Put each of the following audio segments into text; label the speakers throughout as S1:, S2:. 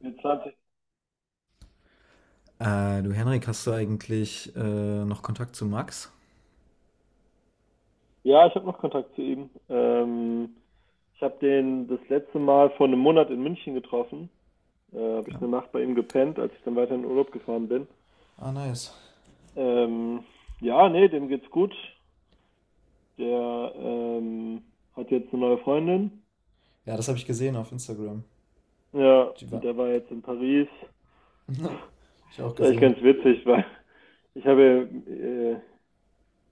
S1: Jetzt hatte
S2: Du Henrik, hast du eigentlich noch Kontakt zu Max?
S1: Ja, ich habe noch Kontakt zu ihm. Ich habe den das letzte Mal vor einem Monat in München getroffen. Habe
S2: Ja.
S1: ich eine Nacht bei ihm gepennt, als ich dann weiter in den Urlaub gefahren bin.
S2: Ah, nice.
S1: Ähm, ja, nee, dem geht's gut. Der hat jetzt eine neue Freundin.
S2: Ja, das habe ich gesehen auf Instagram.
S1: Ja,
S2: Die war.
S1: und der war jetzt in Paris.
S2: Hab ich
S1: Das
S2: auch
S1: ist eigentlich
S2: gesehen.
S1: ganz witzig, weil ich habe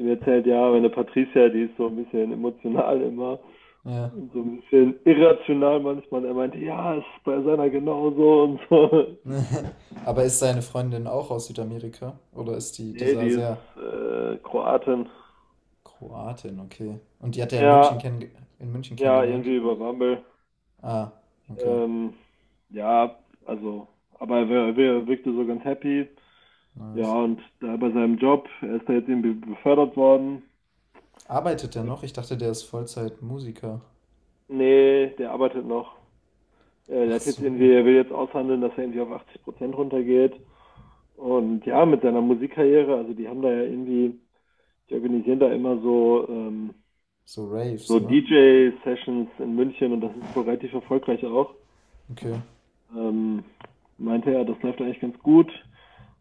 S1: ihm erzählt, ja, meine Patricia, die ist so ein bisschen emotional immer,
S2: Ja.
S1: so ein bisschen irrational manchmal. Er meinte, ja, ist bei seiner genauso und so.
S2: Aber ist seine Freundin auch aus Südamerika? Oder ist die
S1: Nee,
S2: dieser
S1: die
S2: sehr
S1: ist Kroatin.
S2: Kroatin, okay. Und die hat er in München,
S1: Ja,
S2: in München
S1: ja,
S2: kennengelernt?
S1: irgendwie über Bumble.
S2: Ah, okay.
S1: Ähm, ja, also, aber er, wirkte so ganz happy. Ja,
S2: Nice.
S1: und da bei seinem Job, er ist da jetzt irgendwie befördert worden.
S2: Arbeitet der
S1: Äh,
S2: noch? Ich dachte, der ist Vollzeit-Musiker.
S1: Nee, der arbeitet noch. Er Der
S2: Ach
S1: hat jetzt
S2: so.
S1: irgendwie, er will jetzt aushandeln, dass er irgendwie auf 80% runtergeht. Und ja, mit seiner Musikkarriere, also die haben da ja irgendwie die organisieren da immer so,
S2: So Raves,
S1: so
S2: ne?
S1: DJ-Sessions in München und das ist wohl relativ erfolgreich auch.
S2: Okay,
S1: Ähm, Meinte er, das läuft eigentlich ganz gut.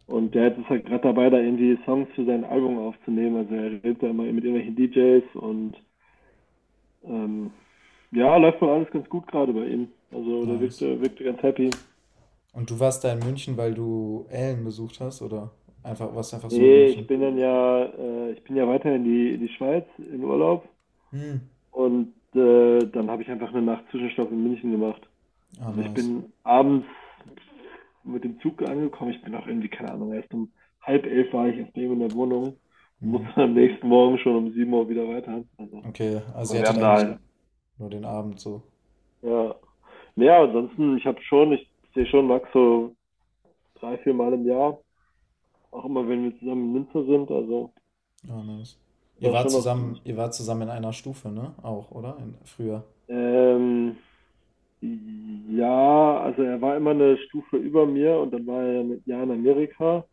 S1: Und der ist halt gerade dabei, da irgendwie Songs für sein Album aufzunehmen. Also er redet da immer mit irgendwelchen DJs und ähm, ja, läuft wohl alles ganz gut gerade bei ihm. Also der
S2: nice.
S1: wirkte ganz happy.
S2: Und du warst da in München, weil du Ellen besucht hast, oder? Einfach, warst du einfach so in
S1: Nee, ich
S2: München?
S1: bin dann ja, ich bin ja weiter in die Schweiz in Urlaub
S2: Hm.
S1: und dann habe ich einfach eine Nacht Zwischenstopp in München gemacht.
S2: Ah,
S1: Also ich
S2: nice.
S1: bin abends mit dem Zug angekommen. Ich bin auch irgendwie, keine Ahnung, erst um halb elf war ich erst eben in der Wohnung und
S2: Hm.
S1: musste dann am nächsten Morgen schon um 7 Uhr wieder weiter. Also,
S2: Okay, also ihr
S1: wir
S2: hattet
S1: haben da
S2: eigentlich
S1: halt.
S2: nur den Abend so.
S1: Ja. Naja, ansonsten, ich habe schon, ich sehe schon Max so drei, vier Mal im Jahr. Auch immer, wenn wir zusammen in Münster sind. Also,
S2: Ah, nice.
S1: da schon noch ziemlich.
S2: Ihr wart zusammen in einer Stufe, ne? Auch, oder? In, früher.
S1: Ähm, ja, also er war immer eine Stufe über mir und dann war er mit Jahr in Amerika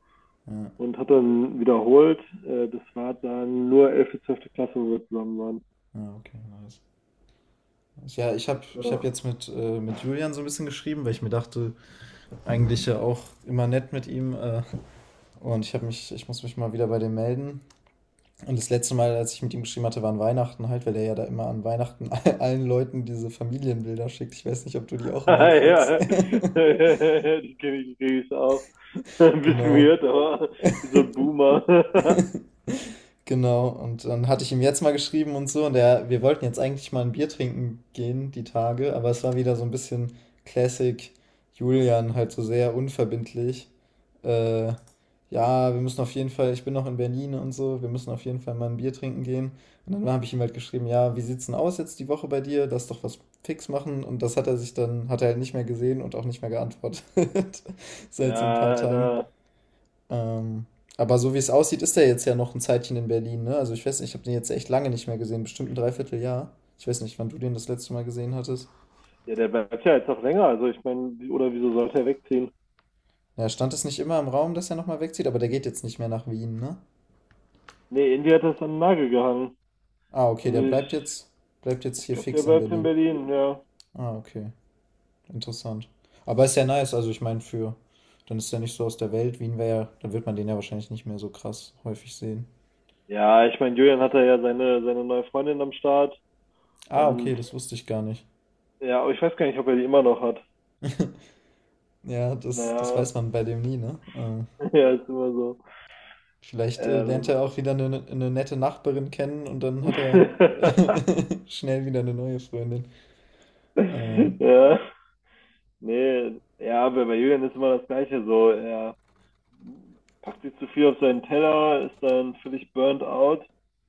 S2: Ja.
S1: und hat dann wiederholt. Das war dann nur 11. zwölfte Klasse, wo wir zusammen waren.
S2: Ja, okay, nice. Ja, ich habe
S1: Ja.
S2: ich hab jetzt mit Julian so ein bisschen geschrieben, weil ich mir dachte, eigentlich ja auch immer nett mit ihm. Und ich muss mich mal wieder bei dem melden. Und das letzte Mal, als ich mit ihm geschrieben hatte, war an Weihnachten halt, weil er ja da immer an Weihnachten allen Leuten diese Familienbilder schickt. Ich weiß nicht, ob du die auch immer kriegst.
S1: Ja, die kenne ich, die kenn ich auch. Ein bisschen
S2: Genau.
S1: weird, aber wie so ein Boomer.
S2: Genau, und dann hatte ich ihm jetzt mal geschrieben und so, und er, wir wollten jetzt eigentlich mal ein Bier trinken gehen, die Tage, aber es war wieder so ein bisschen Classic Julian, halt so sehr unverbindlich. Äh, ja, wir müssen auf jeden Fall, ich bin noch in Berlin und so, wir müssen auf jeden Fall mal ein Bier trinken gehen. Und dann habe ich ihm halt geschrieben, ja, wie sieht's denn aus jetzt die Woche bei dir? Lass doch was fix machen. Und das hat er sich dann, hat er halt nicht mehr gesehen und auch nicht mehr geantwortet. Seit so ein paar
S1: Ja,
S2: Tagen.
S1: Alter.
S2: Ähm, aber so wie es aussieht, ist er jetzt ja noch ein Zeitchen in Berlin, ne? Also ich weiß nicht, ich habe den jetzt echt lange nicht mehr gesehen, bestimmt ein Dreivierteljahr. Ich weiß nicht, wann du den das letzte Mal gesehen hattest.
S1: Ja, der bleibt ja jetzt auch länger. Also ich meine, oder wieso sollte er wegziehen?
S2: Ja, stand es nicht immer im Raum, dass er nochmal wegzieht, aber der geht jetzt nicht mehr nach Wien, ne?
S1: Nee, Indy hat das an den Nagel gehangen.
S2: Ah, okay,
S1: Also
S2: der
S1: ich,
S2: bleibt jetzt
S1: ich
S2: hier
S1: glaube, der
S2: fix in
S1: bleibt in
S2: Berlin.
S1: Berlin, ja.
S2: Ah, okay, interessant. Aber ist ja nice, also ich meine, für, dann ist er nicht so aus der Welt. Wien wäre ja, dann wird man den ja wahrscheinlich nicht mehr so krass häufig sehen.
S1: Ja, ich meine, Julian hatte ja seine neue Freundin am Start.
S2: Ah,
S1: Und
S2: okay, das wusste ich gar nicht.
S1: ja, aber ich weiß gar nicht, ob er die immer noch hat.
S2: Ja, das, das
S1: Naja,
S2: weiß man bei dem nie, ne?
S1: ja, ist immer so.
S2: Vielleicht lernt
S1: Ähm.
S2: er auch wieder eine nette Nachbarin kennen und dann hat er schnell wieder eine neue Freundin. Ähm,
S1: Ja. Nee, ja, bei Julian ist immer das Gleiche so. Er packt sich zu viel auf seinen Teller, ist dann völlig burnt out,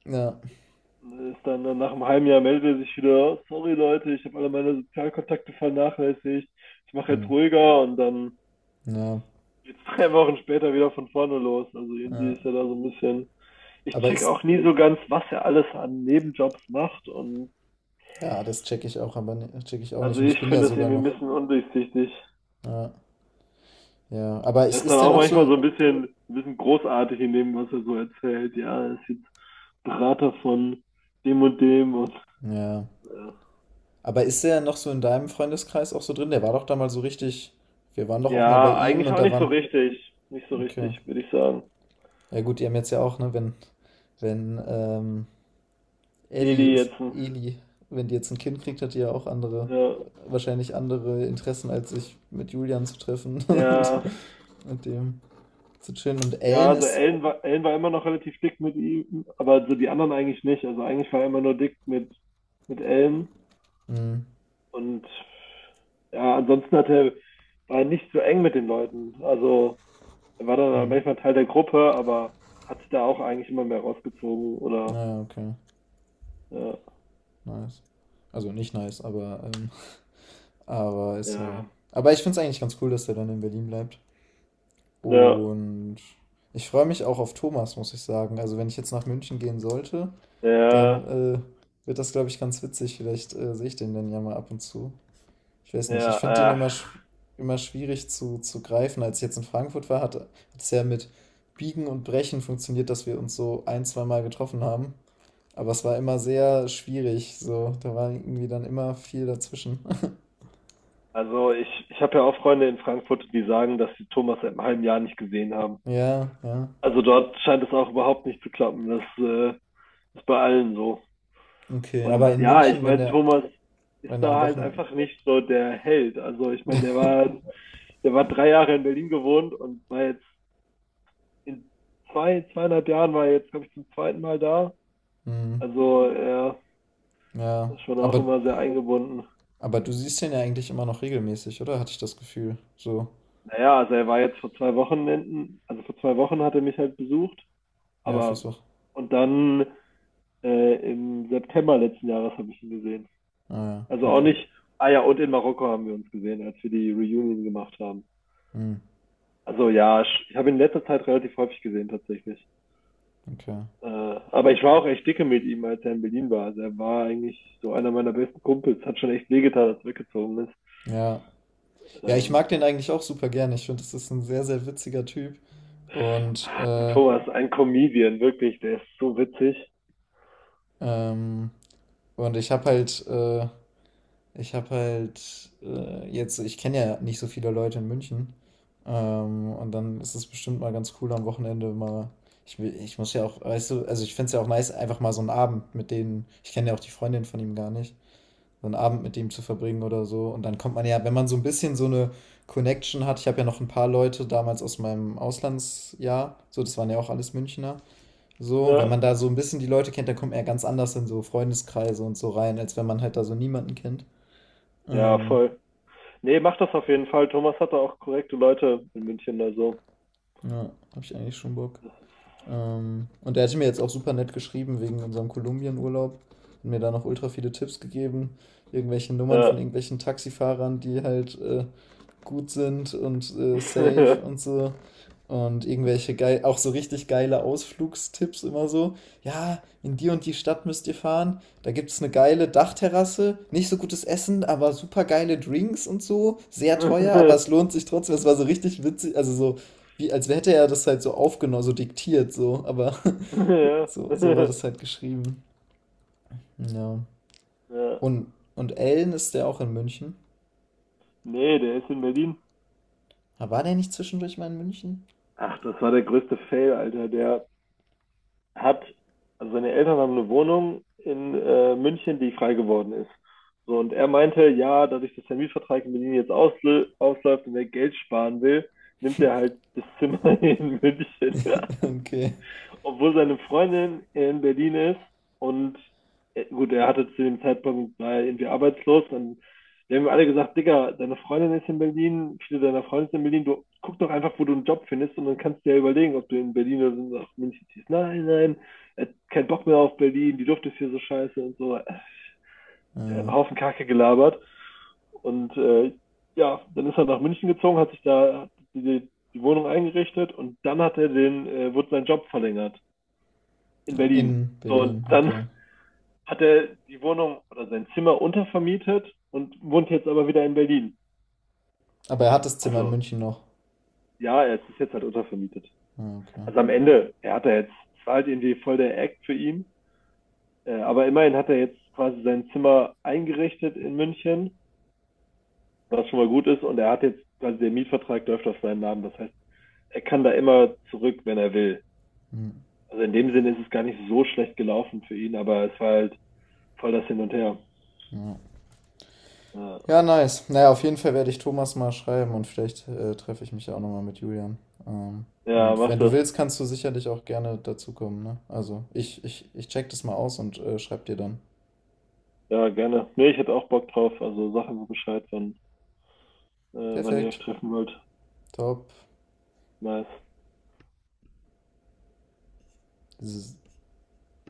S2: ja.
S1: ist dann nach einem halben Jahr meldet er sich wieder, sorry Leute, ich habe alle meine Sozialkontakte vernachlässigt, ich mache
S2: Hm.
S1: jetzt ruhiger und dann
S2: Ja.
S1: jetzt 3 Wochen später wieder von vorne los. Also irgendwie
S2: Ja.
S1: ist er da so ein bisschen. Ich
S2: Aber
S1: check
S2: ist.
S1: auch nie so ganz, was er alles an Nebenjobs macht und
S2: Ja, das checke ich auch, aber ne, check ich auch nicht.
S1: also
S2: Und
S1: ich
S2: ich bin ja
S1: finde das
S2: sogar
S1: irgendwie ein
S2: noch.
S1: bisschen undurchsichtig.
S2: Ja. Ja. Aber ist,
S1: Er ist dann
S2: ist der
S1: auch
S2: noch
S1: manchmal
S2: so.
S1: so ein bisschen großartig in dem, was er so erzählt. Ja, er ist jetzt Berater von dem und dem und
S2: Ja.
S1: ja.
S2: Aber ist der noch so in deinem Freundeskreis auch so drin? Der war doch da mal so richtig. Wir waren doch auch mal bei
S1: Ja,
S2: ihm
S1: eigentlich
S2: und
S1: auch
S2: da
S1: nicht so
S2: waren.
S1: richtig. Nicht so
S2: Okay.
S1: richtig, würde ich sagen.
S2: Ja gut, die haben jetzt ja auch, ne, wenn, wenn, ähm, Ellie
S1: Eli
S2: ist
S1: jetzt.
S2: Eli. Wenn die jetzt ein Kind kriegt, hat die ja auch andere,
S1: Ja,
S2: wahrscheinlich andere Interessen, als sich mit Julian zu treffen und
S1: ja,
S2: mit dem zu chillen. Und
S1: ja,
S2: Ellen
S1: also
S2: ist.
S1: Ellen war immer noch relativ dick mit ihm, aber so die anderen eigentlich nicht. Also eigentlich war er immer nur dick mit Ellen.
S2: Hm,
S1: Und ja, ansonsten hat er, war er nicht so eng mit den Leuten. Also er war dann
S2: hm.
S1: manchmal Teil der Gruppe, aber hat sich da auch eigentlich immer mehr rausgezogen oder
S2: Naja, okay.
S1: ja,
S2: Nice. Also nicht nice, aber ist ja.
S1: ja,
S2: Aber ich finde es eigentlich ganz cool, dass der dann in Berlin bleibt.
S1: ja,
S2: Und ich freue mich auch auf Thomas, muss ich sagen. Also wenn ich jetzt nach München gehen sollte, dann
S1: ja,
S2: wird das, glaube ich, ganz witzig. Vielleicht sehe ich den dann ja mal ab und zu. Ich weiß nicht, ich finde den
S1: ja.
S2: immer, immer schwierig zu greifen. Als ich jetzt in Frankfurt war, hat es ja mit Biegen und Brechen funktioniert, dass wir uns so ein, zwei Mal getroffen haben. Aber es war immer sehr schwierig, so. Da war irgendwie dann immer viel dazwischen.
S1: Also ich habe ja auch Freunde in Frankfurt, die sagen, dass sie Thomas seit einem halben Jahr nicht gesehen haben.
S2: Ja, ja.
S1: Also dort scheint es auch überhaupt nicht zu klappen. Das ist bei allen so.
S2: Okay, aber
S1: Und
S2: in
S1: ja, ich
S2: München, wenn
S1: meine,
S2: der,
S1: Thomas ist
S2: wenn der am
S1: da halt
S2: Wochenende.
S1: einfach nicht so der Held. Also ich meine, der war 3 Jahre in Berlin gewohnt und war jetzt in zwei, zweieinhalb Jahren war er jetzt, glaube ich, zum zweiten Mal da.
S2: Hm,
S1: Also er
S2: ja.
S1: ist schon auch immer sehr eingebunden.
S2: Aber du siehst den ja eigentlich immer noch regelmäßig, oder? Hatte ich das Gefühl. So.
S1: Naja, also er war jetzt vor 2 Wochenenden, also vor 2 Wochen hat er mich halt besucht,
S2: Ja, fürs
S1: aber
S2: Wochenende.
S1: und dann im September letzten Jahres habe ich ihn gesehen.
S2: Ah
S1: Also
S2: ja,
S1: auch
S2: okay.
S1: nicht, ah ja, und in Marokko haben wir uns gesehen, als wir die Reunion gemacht haben.
S2: Hm,
S1: Also ja, ich habe ihn in letzter Zeit relativ häufig gesehen tatsächlich.
S2: okay.
S1: Äh, aber ich war auch echt dicke mit ihm, als er in Berlin war. Also er war eigentlich so einer meiner besten Kumpels. Hat schon echt wehgetan, als er weggezogen ist.
S2: Ja. Ja, ich
S1: Ähm,
S2: mag den eigentlich auch super gerne. Ich finde, das ist ein sehr, sehr witziger Typ. Und, äh,
S1: Thomas, ein Comedian, wirklich, der ist so witzig.
S2: ähm, und ich habe halt jetzt, ich kenne ja nicht so viele Leute in München. Und dann ist es bestimmt mal ganz cool am Wochenende mal. Ich muss ja auch, weißt du, also ich finde es ja auch nice, einfach mal so einen Abend mit denen. Ich kenne ja auch die Freundin von ihm gar nicht. So einen Abend mit ihm zu verbringen oder so. Und dann kommt man ja, wenn man so ein bisschen so eine Connection hat, ich habe ja noch ein paar Leute damals aus meinem Auslandsjahr, so, das waren ja auch alles Münchner. So, wenn man
S1: Ja,
S2: da so ein bisschen die Leute kennt, dann kommt man ja ganz anders in so Freundeskreise und so rein, als wenn man halt da so niemanden kennt.
S1: ja,
S2: Ähm,
S1: voll. Nee, mach das auf jeden Fall. Thomas hat da auch korrekte Leute in München, also.
S2: ja, habe ich eigentlich schon Bock. Und er hat mir jetzt auch super nett geschrieben wegen unserem Kolumbien-Urlaub. Hat mir da noch ultra viele Tipps gegeben. Irgendwelche Nummern von
S1: Ja.
S2: irgendwelchen Taxifahrern, die halt gut sind und safe und so. Und irgendwelche geil, auch so richtig geile Ausflugstipps immer so. Ja, in die und die Stadt müsst ihr fahren. Da gibt es eine geile Dachterrasse. Nicht so gutes Essen, aber super geile Drinks und so. Sehr teuer, aber es lohnt sich trotzdem. Es war so richtig witzig, also so wie, als hätte er das halt so aufgenommen, so diktiert, so, aber
S1: Ja.
S2: so, so war das halt geschrieben. Ja.
S1: Ja.
S2: Und Ellen ist der auch in München?
S1: Nee, der ist in Berlin.
S2: Ah, war der nicht zwischendurch mal in München?
S1: Ach, das war der größte Fail, Alter. Der hat, also seine Eltern haben eine Wohnung in München, die frei geworden ist. So, und er meinte, ja, dadurch, dass der Mietvertrag in Berlin jetzt ausläuft und er Geld sparen will, nimmt er halt das Zimmer in München. Ja,
S2: Okay.
S1: obwohl seine Freundin in Berlin ist und gut, er hatte zu dem Zeitpunkt war er irgendwie arbeitslos, dann die haben mir alle gesagt, Digga, deine Freundin ist in Berlin, viele deiner Freunde sind in Berlin, du guck doch einfach, wo du einen Job findest und dann kannst du dir überlegen, ob du in Berlin oder so nach München ziehst. Nein, nein, er hat keinen Bock mehr auf Berlin, die Luft ist hier so scheiße und so. Der hat
S2: Ah,
S1: einen Haufen Kacke gelabert und ja, dann ist er nach München gezogen, hat sich da die Wohnung eingerichtet und dann hat er den, wurde sein Job verlängert in Berlin.
S2: in Berlin,
S1: So, dann
S2: okay.
S1: hat er die Wohnung oder sein Zimmer untervermietet und wohnt jetzt aber wieder in Berlin.
S2: Aber er hat das Zimmer in
S1: Also
S2: München noch.
S1: ja, es ist jetzt halt untervermietet.
S2: Ah, okay.
S1: Also am Ende, er hat er jetzt, es war halt irgendwie voll der Act für ihn. Aber immerhin hat er jetzt quasi sein Zimmer eingerichtet in München, was schon mal gut ist. Und er hat jetzt quasi der Mietvertrag läuft auf seinen Namen. Das heißt, er kann da immer zurück, wenn er will.
S2: Hm,
S1: Also in dem Sinne ist es gar nicht so schlecht gelaufen für ihn, aber es war halt voll das Hin und Her.
S2: ja. Ja,
S1: Ja,
S2: nice. Naja, auf jeden Fall werde ich Thomas mal schreiben und vielleicht treffe ich mich ja auch nochmal mit Julian. Ähm,
S1: ja
S2: und
S1: mach
S2: wenn du
S1: das.
S2: willst, kannst du sicherlich auch gerne dazukommen, ne? Also, ich check das mal aus und schreib dir dann.
S1: Ja, gerne. Nee, ich hätte auch Bock drauf. Also sag mir Bescheid, wann, wann ihr euch
S2: Perfekt.
S1: treffen wollt.
S2: Top.
S1: Nice.